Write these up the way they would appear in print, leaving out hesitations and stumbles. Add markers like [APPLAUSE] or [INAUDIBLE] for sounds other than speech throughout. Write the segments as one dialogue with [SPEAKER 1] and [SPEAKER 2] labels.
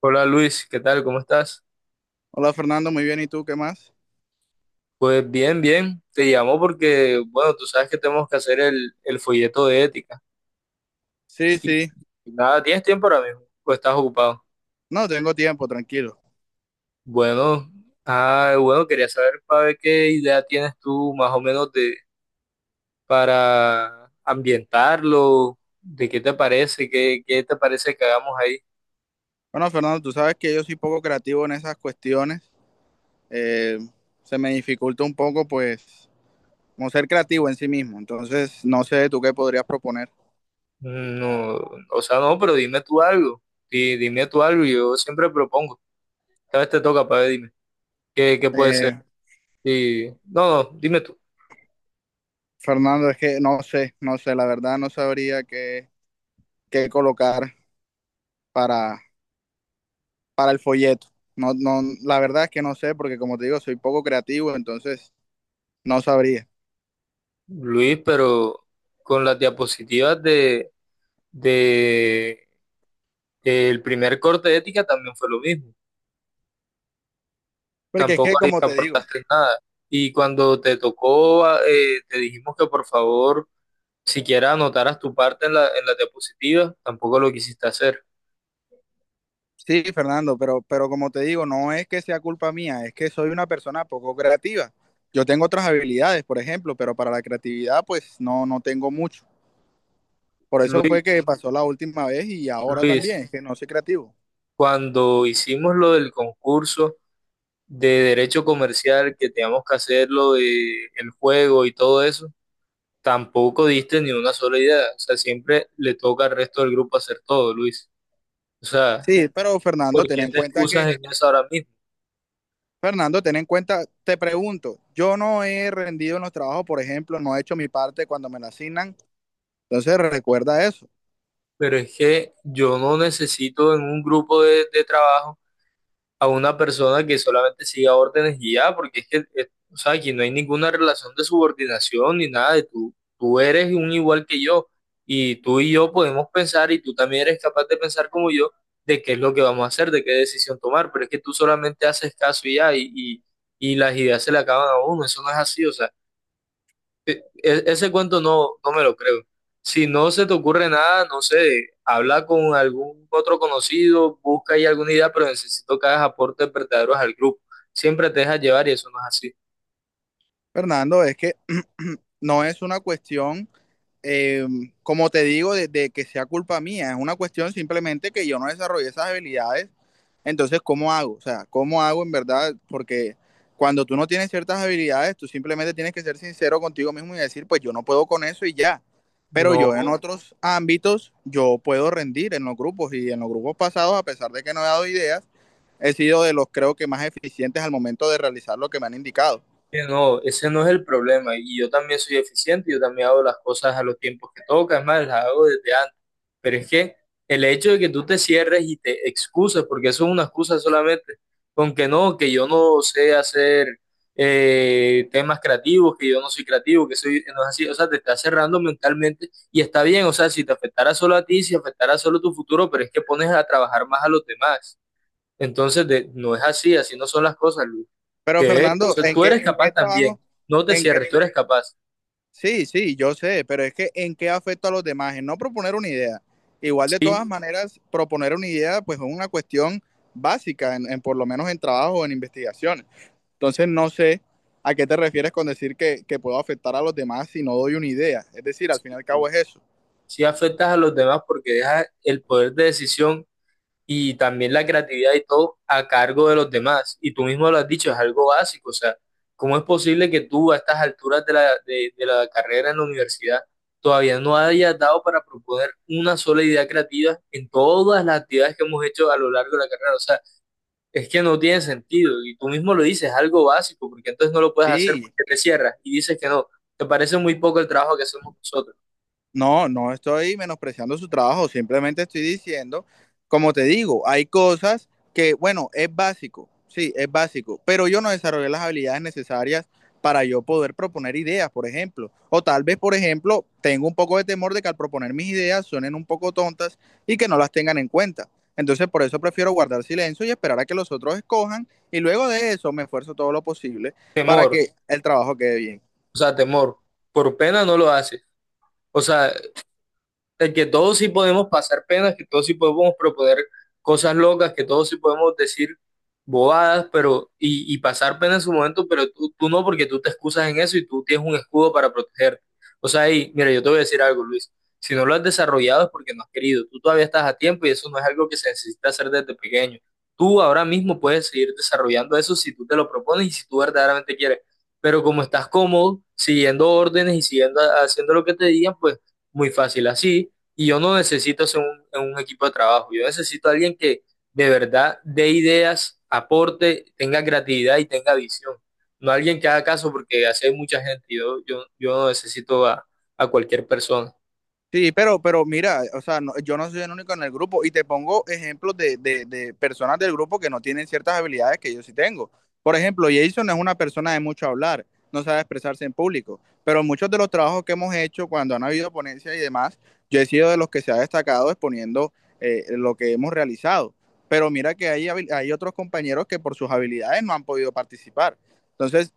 [SPEAKER 1] Hola Luis, ¿qué tal? ¿Cómo estás?
[SPEAKER 2] Hola Fernando, muy bien. ¿Y tú qué más?
[SPEAKER 1] Pues bien, bien. Te llamo porque, bueno, tú sabes que tenemos que hacer el folleto de ética.
[SPEAKER 2] Sí,
[SPEAKER 1] Y
[SPEAKER 2] sí.
[SPEAKER 1] nada, ¿tienes tiempo ahora mismo? ¿O estás ocupado?
[SPEAKER 2] No, tengo tiempo, tranquilo.
[SPEAKER 1] Bueno, bueno, quería saber para ver qué idea tienes tú más o menos de para ambientarlo, de qué te parece, qué te parece que hagamos ahí.
[SPEAKER 2] Bueno, Fernando, tú sabes que yo soy poco creativo en esas cuestiones. Eh, Se me dificulta un poco, pues, como ser creativo en sí mismo. Entonces, no sé tú qué podrías proponer.
[SPEAKER 1] No, o sea, no, pero dime tú algo. Dime tú algo, yo siempre propongo. Cada vez te toca para ver, dime. ¿ Qué puede ser?
[SPEAKER 2] Eh,
[SPEAKER 1] Y, no, no, dime tú.
[SPEAKER 2] Fernando, es que no sé, la verdad no sabría qué colocar para, para el folleto. No, no, la verdad es que no sé, porque como te digo, soy poco creativo, entonces no sabría.
[SPEAKER 1] Luis, pero con las diapositivas de el primer corte de ética también fue lo mismo.
[SPEAKER 2] Porque es
[SPEAKER 1] Tampoco
[SPEAKER 2] que,
[SPEAKER 1] ahí
[SPEAKER 2] como te digo,
[SPEAKER 1] aportaste nada. Y cuando te tocó, te dijimos que por favor siquiera anotaras tu parte en en las diapositivas, tampoco lo quisiste hacer.
[SPEAKER 2] sí, Fernando, pero como te digo, no es que sea culpa mía, es que soy una persona poco creativa. Yo tengo otras habilidades, por ejemplo, pero para la creatividad, pues no, no tengo mucho. Por eso
[SPEAKER 1] Luis,
[SPEAKER 2] fue que pasó la última vez y ahora
[SPEAKER 1] Luis,
[SPEAKER 2] también, es que no soy creativo.
[SPEAKER 1] cuando hicimos lo del concurso de derecho comercial, que teníamos que hacerlo, de el juego y todo eso, tampoco diste ni una sola idea. O sea, siempre le toca al resto del grupo hacer todo, Luis. O sea,
[SPEAKER 2] Sí, pero Fernando,
[SPEAKER 1] ¿por
[SPEAKER 2] ten
[SPEAKER 1] qué
[SPEAKER 2] en
[SPEAKER 1] te
[SPEAKER 2] cuenta que,
[SPEAKER 1] excusas en eso ahora mismo?
[SPEAKER 2] Fernando, ten en cuenta, te pregunto, yo no he rendido en los trabajos, por ejemplo, no he hecho mi parte cuando me la asignan, entonces recuerda eso.
[SPEAKER 1] Pero es que yo no necesito en un grupo de trabajo a una persona que solamente siga órdenes y ya, porque es que, o sea, aquí no hay ninguna relación de subordinación ni nada de tú. Tú eres un igual que yo y tú y yo podemos pensar y tú también eres capaz de pensar como yo, de qué es lo que vamos a hacer, de qué decisión tomar, pero es que tú solamente haces caso y ya y y, las ideas se le acaban a uno, eso no es así, o sea, ese cuento no, no me lo creo. Si no se te ocurre nada, no sé, habla con algún otro conocido, busca ahí alguna idea, pero necesito que hagas aportes verdaderos al grupo. Siempre te dejas llevar y eso no es así.
[SPEAKER 2] Fernando, es que [CLEARS THROAT] no es una cuestión, eh, como te digo, de que sea culpa mía, es una cuestión simplemente que yo no desarrollé esas habilidades. Entonces, ¿cómo hago? O sea, ¿cómo hago en verdad? Porque cuando tú no tienes ciertas habilidades, tú simplemente tienes que ser sincero contigo mismo y decir, pues yo no puedo con eso y ya. Pero
[SPEAKER 1] No.
[SPEAKER 2] yo en otros ámbitos, yo puedo rendir en los grupos y en los grupos pasados, a pesar de que no he dado ideas, he sido de los creo que más eficientes al momento de realizar lo que me han indicado.
[SPEAKER 1] Que no, ese no es el problema. Y yo también soy eficiente, yo también hago las cosas a los tiempos que toca, es más, las hago desde antes. Pero es que el hecho de que tú te cierres y te excuses, porque eso es una excusa solamente, con que no, que yo no sé hacer temas creativos, que yo no soy creativo, que soy, no es así, o sea, te estás cerrando mentalmente y está bien, o sea, si te afectara solo a ti, si afectara solo tu futuro, pero es que pones a trabajar más a los demás. Entonces, no es así, así no son las cosas, Luis.
[SPEAKER 2] Pero
[SPEAKER 1] Que de
[SPEAKER 2] Fernando,
[SPEAKER 1] hecho,
[SPEAKER 2] ¿en
[SPEAKER 1] tú
[SPEAKER 2] qué,
[SPEAKER 1] eres
[SPEAKER 2] en
[SPEAKER 1] capaz
[SPEAKER 2] qué trabajo?
[SPEAKER 1] también. No te
[SPEAKER 2] En qué...
[SPEAKER 1] cierres, tú eres capaz.
[SPEAKER 2] Sí, sí, yo sé, pero es que ¿en qué afecta a los demás? En no proponer una idea. Igual de todas
[SPEAKER 1] Sí,
[SPEAKER 2] maneras, proponer una idea pues es una cuestión básica, en por lo menos en trabajo o en investigaciones. Entonces no sé a qué te refieres con decir que puedo afectar a los demás si no doy una idea. Es decir, al fin y al cabo es eso.
[SPEAKER 1] sí afectas a los demás porque dejas el poder de decisión y también la creatividad y todo a cargo de los demás. Y tú mismo lo has dicho, es algo básico. O sea, ¿cómo es posible que tú a estas alturas de de la carrera en la universidad todavía no hayas dado para proponer una sola idea creativa en todas las actividades que hemos hecho a lo largo de la carrera? O sea, es que no tiene sentido y tú mismo lo dices, algo básico, porque entonces no lo puedes hacer
[SPEAKER 2] Sí,
[SPEAKER 1] porque te cierras y dices que no. Te parece muy poco el trabajo que hacemos nosotros.
[SPEAKER 2] no, no estoy menospreciando su trabajo, simplemente estoy diciendo, como te digo, hay cosas que, bueno, es básico, sí, es básico, pero yo no desarrollé las habilidades necesarias para yo poder proponer ideas, por ejemplo. O tal vez, por ejemplo, tengo un poco de temor de que al proponer mis ideas suenen un poco tontas y que no las tengan en cuenta. Entonces, por eso prefiero guardar silencio y esperar a que los otros escojan y luego de eso me esfuerzo todo lo posible para
[SPEAKER 1] Temor,
[SPEAKER 2] que el trabajo quede bien.
[SPEAKER 1] o sea, temor. Por pena no lo haces. O sea, de que todos sí podemos pasar penas, que todos sí podemos proponer cosas locas, que todos sí podemos decir bobadas, pero y pasar pena en su momento, pero tú no, porque tú te excusas en eso y tú tienes un escudo para protegerte. O sea, y mira, yo te voy a decir algo, Luis. Si no lo has desarrollado es porque no has querido. Tú todavía estás a tiempo y eso no es algo que se necesita hacer desde pequeño. Tú ahora mismo puedes seguir desarrollando eso si tú te lo propones y si tú verdaderamente quieres. Pero como estás cómodo, siguiendo órdenes y siguiendo haciendo lo que te digan, pues muy fácil así, y yo no necesito ser un equipo de trabajo, yo necesito a alguien que de verdad dé ideas, aporte, tenga creatividad y tenga visión. No alguien que haga caso porque así hay mucha gente. Yo no necesito a cualquier persona.
[SPEAKER 2] Sí, pero mira, o sea, no- yo no soy el único en el grupo y te pongo ejemplos de personas del grupo que no tienen ciertas habilidades que yo sí tengo. Por ejemplo, Jason es una persona de mucho hablar, no sabe expresarse en público, pero muchos de los trabajos que hemos hecho cuando han habido ponencias y demás, yo he sido de los que se ha destacado exponiendo lo que hemos realizado. Pero mira que hay otros compañeros que por sus habilidades no han podido participar. Entonces,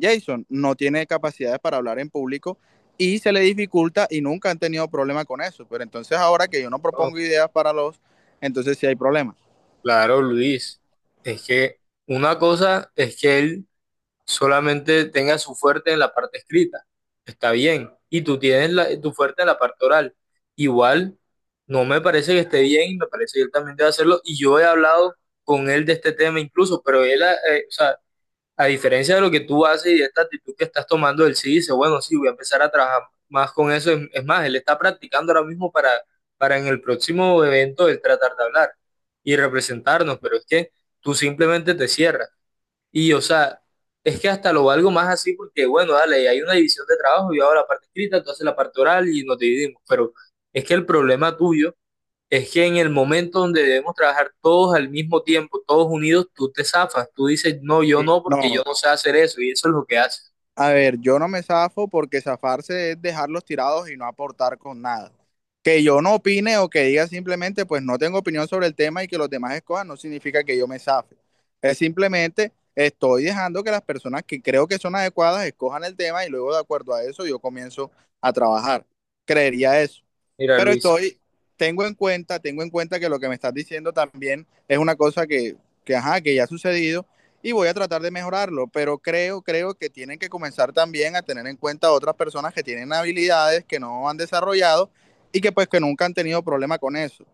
[SPEAKER 2] Jason no tiene capacidades para hablar en público y se le dificulta y nunca han tenido problema con eso. Pero entonces ahora que yo no
[SPEAKER 1] No,
[SPEAKER 2] propongo ideas entonces sí hay problemas.
[SPEAKER 1] claro, Luis, es que una cosa es que él solamente tenga su fuerte en la parte escrita. Está bien. Y tú tienes tu fuerte en la parte oral. Igual, no me parece que esté bien y me parece que él también debe hacerlo. Y yo he hablado con él de este tema incluso, pero él, o sea, a diferencia de lo que tú haces y de esta actitud que estás tomando, él sí dice, bueno, sí, voy a empezar a trabajar más con eso. Es más, él está practicando ahora mismo para en el próximo evento él tratar de hablar y representarnos, pero es que tú simplemente te cierras. Y, o sea, es que hasta lo valgo más así porque, bueno, dale, hay una división de trabajo, yo hago la parte escrita, tú haces la parte oral y nos dividimos. Pero es que el problema tuyo es que en el momento donde debemos trabajar todos al mismo tiempo, todos unidos, tú te zafas, tú dices, no, yo
[SPEAKER 2] Sí,
[SPEAKER 1] no, porque yo
[SPEAKER 2] no,
[SPEAKER 1] no sé hacer eso, y eso es lo que haces.
[SPEAKER 2] a ver, yo no me zafo porque zafarse es dejarlos tirados y no aportar con nada. Que yo no opine o que diga simplemente, pues no tengo opinión sobre el tema y que los demás escojan, no significa que yo me zafe. Es simplemente estoy dejando que las personas que creo que son adecuadas escojan el tema y luego de acuerdo a eso yo comienzo a trabajar. Creería eso.
[SPEAKER 1] Mira,
[SPEAKER 2] Pero
[SPEAKER 1] Luis.
[SPEAKER 2] estoy, tengo en cuenta que lo que me estás diciendo también es una cosa que, ajá, que ya ha sucedido y voy a tratar de mejorarlo, pero creo que tienen que comenzar también a tener en cuenta a otras personas que tienen habilidades que no han desarrollado y que pues que nunca han tenido problema con eso.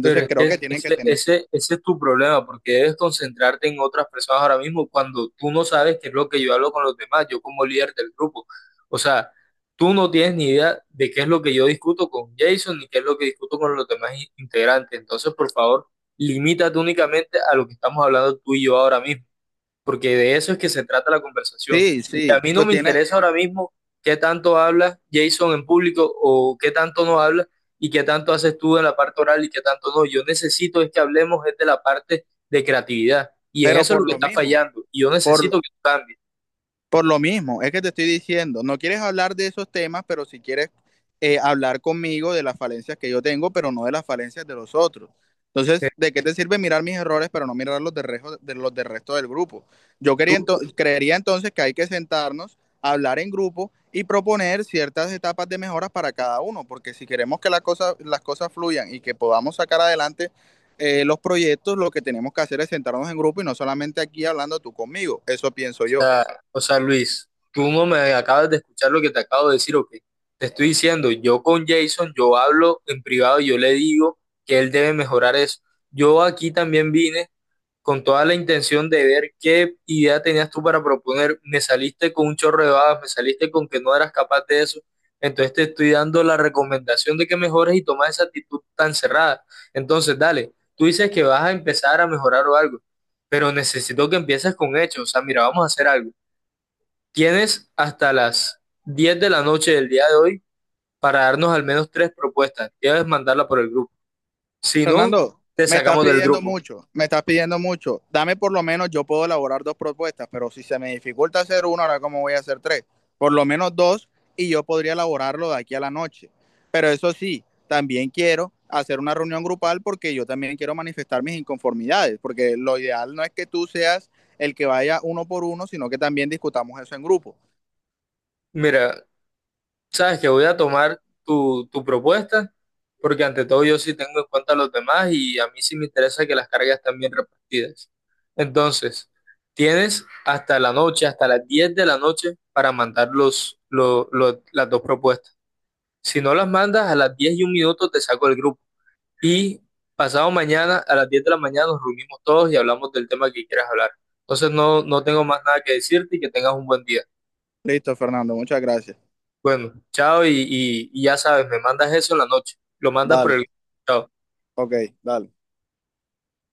[SPEAKER 1] Pero es
[SPEAKER 2] creo
[SPEAKER 1] que
[SPEAKER 2] que tienen que tener,
[SPEAKER 1] ese es tu problema, porque debes concentrarte en otras personas ahora mismo cuando tú no sabes qué es lo que yo hablo con los demás, yo como líder del grupo. O sea, tú no tienes ni idea de qué es lo que yo discuto con Jason ni qué es lo que discuto con los demás integrantes. Entonces, por favor, limítate únicamente a lo que estamos hablando tú y yo ahora mismo porque de eso es que se trata la conversación.
[SPEAKER 2] sí,
[SPEAKER 1] Y a
[SPEAKER 2] sí,
[SPEAKER 1] mí no me interesa ahora mismo qué tanto habla Jason en público o qué tanto no habla y qué tanto haces tú en la parte oral y qué tanto no. Yo necesito es que hablemos es de la parte de creatividad y en
[SPEAKER 2] pero
[SPEAKER 1] eso es lo que está fallando y yo
[SPEAKER 2] por,
[SPEAKER 1] necesito que tú cambies.
[SPEAKER 2] Por lo mismo, es que te estoy diciendo, no quieres hablar de esos temas, pero si quieres hablar conmigo de las falencias que yo tengo, pero no de las falencias de los otros.
[SPEAKER 1] Eh,
[SPEAKER 2] Entonces, ¿de qué te sirve mirar mis errores, pero no mirar los de los del resto del grupo? Yo quería
[SPEAKER 1] Tú,
[SPEAKER 2] creería entonces que hay que sentarnos, hablar en grupo y proponer ciertas etapas de mejoras para cada uno, porque si queremos que las cosas fluyan y que podamos sacar adelante los proyectos, lo que tenemos que hacer es sentarnos en grupo y no solamente aquí hablando tú conmigo. Eso pienso yo.
[SPEAKER 1] o sea, Luis, tú no me acabas de escuchar lo que te acabo de decir o qué. Te estoy diciendo, yo con Jason, yo hablo en privado y yo le digo que él debe mejorar eso. Yo aquí también vine con toda la intención de ver qué idea tenías tú para proponer. Me saliste con un chorro de babas, me saliste con que no eras capaz de eso. Entonces te estoy dando la recomendación de que mejores y tomas esa actitud tan cerrada. Entonces, dale, tú dices que vas a empezar a mejorar o algo, pero necesito que empieces con hechos. O sea, mira, vamos a hacer algo. Tienes hasta las 10 de la noche del día de hoy para darnos al menos tres propuestas. Debes mandarla por el grupo. Si no,
[SPEAKER 2] Fernando,
[SPEAKER 1] te
[SPEAKER 2] me estás
[SPEAKER 1] sacamos del
[SPEAKER 2] pidiendo
[SPEAKER 1] grupo.
[SPEAKER 2] mucho, me estás pidiendo mucho. Dame por lo menos, yo puedo elaborar dos propuestas, pero si se me dificulta hacer una, ahora cómo voy a hacer tres. Por lo menos dos y yo podría elaborarlo de aquí a la noche. Pero eso sí, también quiero hacer una reunión grupal porque yo también quiero manifestar mis inconformidades, porque lo ideal no es que tú seas el que vaya uno por uno, sino que también discutamos eso en grupo.
[SPEAKER 1] Mira, sabes que voy a tomar tu propuesta, porque ante todo yo sí tengo en cuenta a los demás y a mí sí me interesa que las cargas estén bien repartidas. Entonces, tienes hasta la noche, hasta las 10 de la noche para mandar las dos propuestas. Si no las mandas a las 10 y un minuto te saco del grupo. Y pasado mañana a las 10 de la mañana nos reunimos todos y hablamos del tema que quieras hablar. Entonces no, no tengo más nada que decirte y que tengas un buen día.
[SPEAKER 2] Listo, Fernando, muchas gracias.
[SPEAKER 1] Bueno, chao y ya sabes, me mandas eso en la noche. Lo mandas por
[SPEAKER 2] Dale,
[SPEAKER 1] el... Chao.
[SPEAKER 2] ok, dale.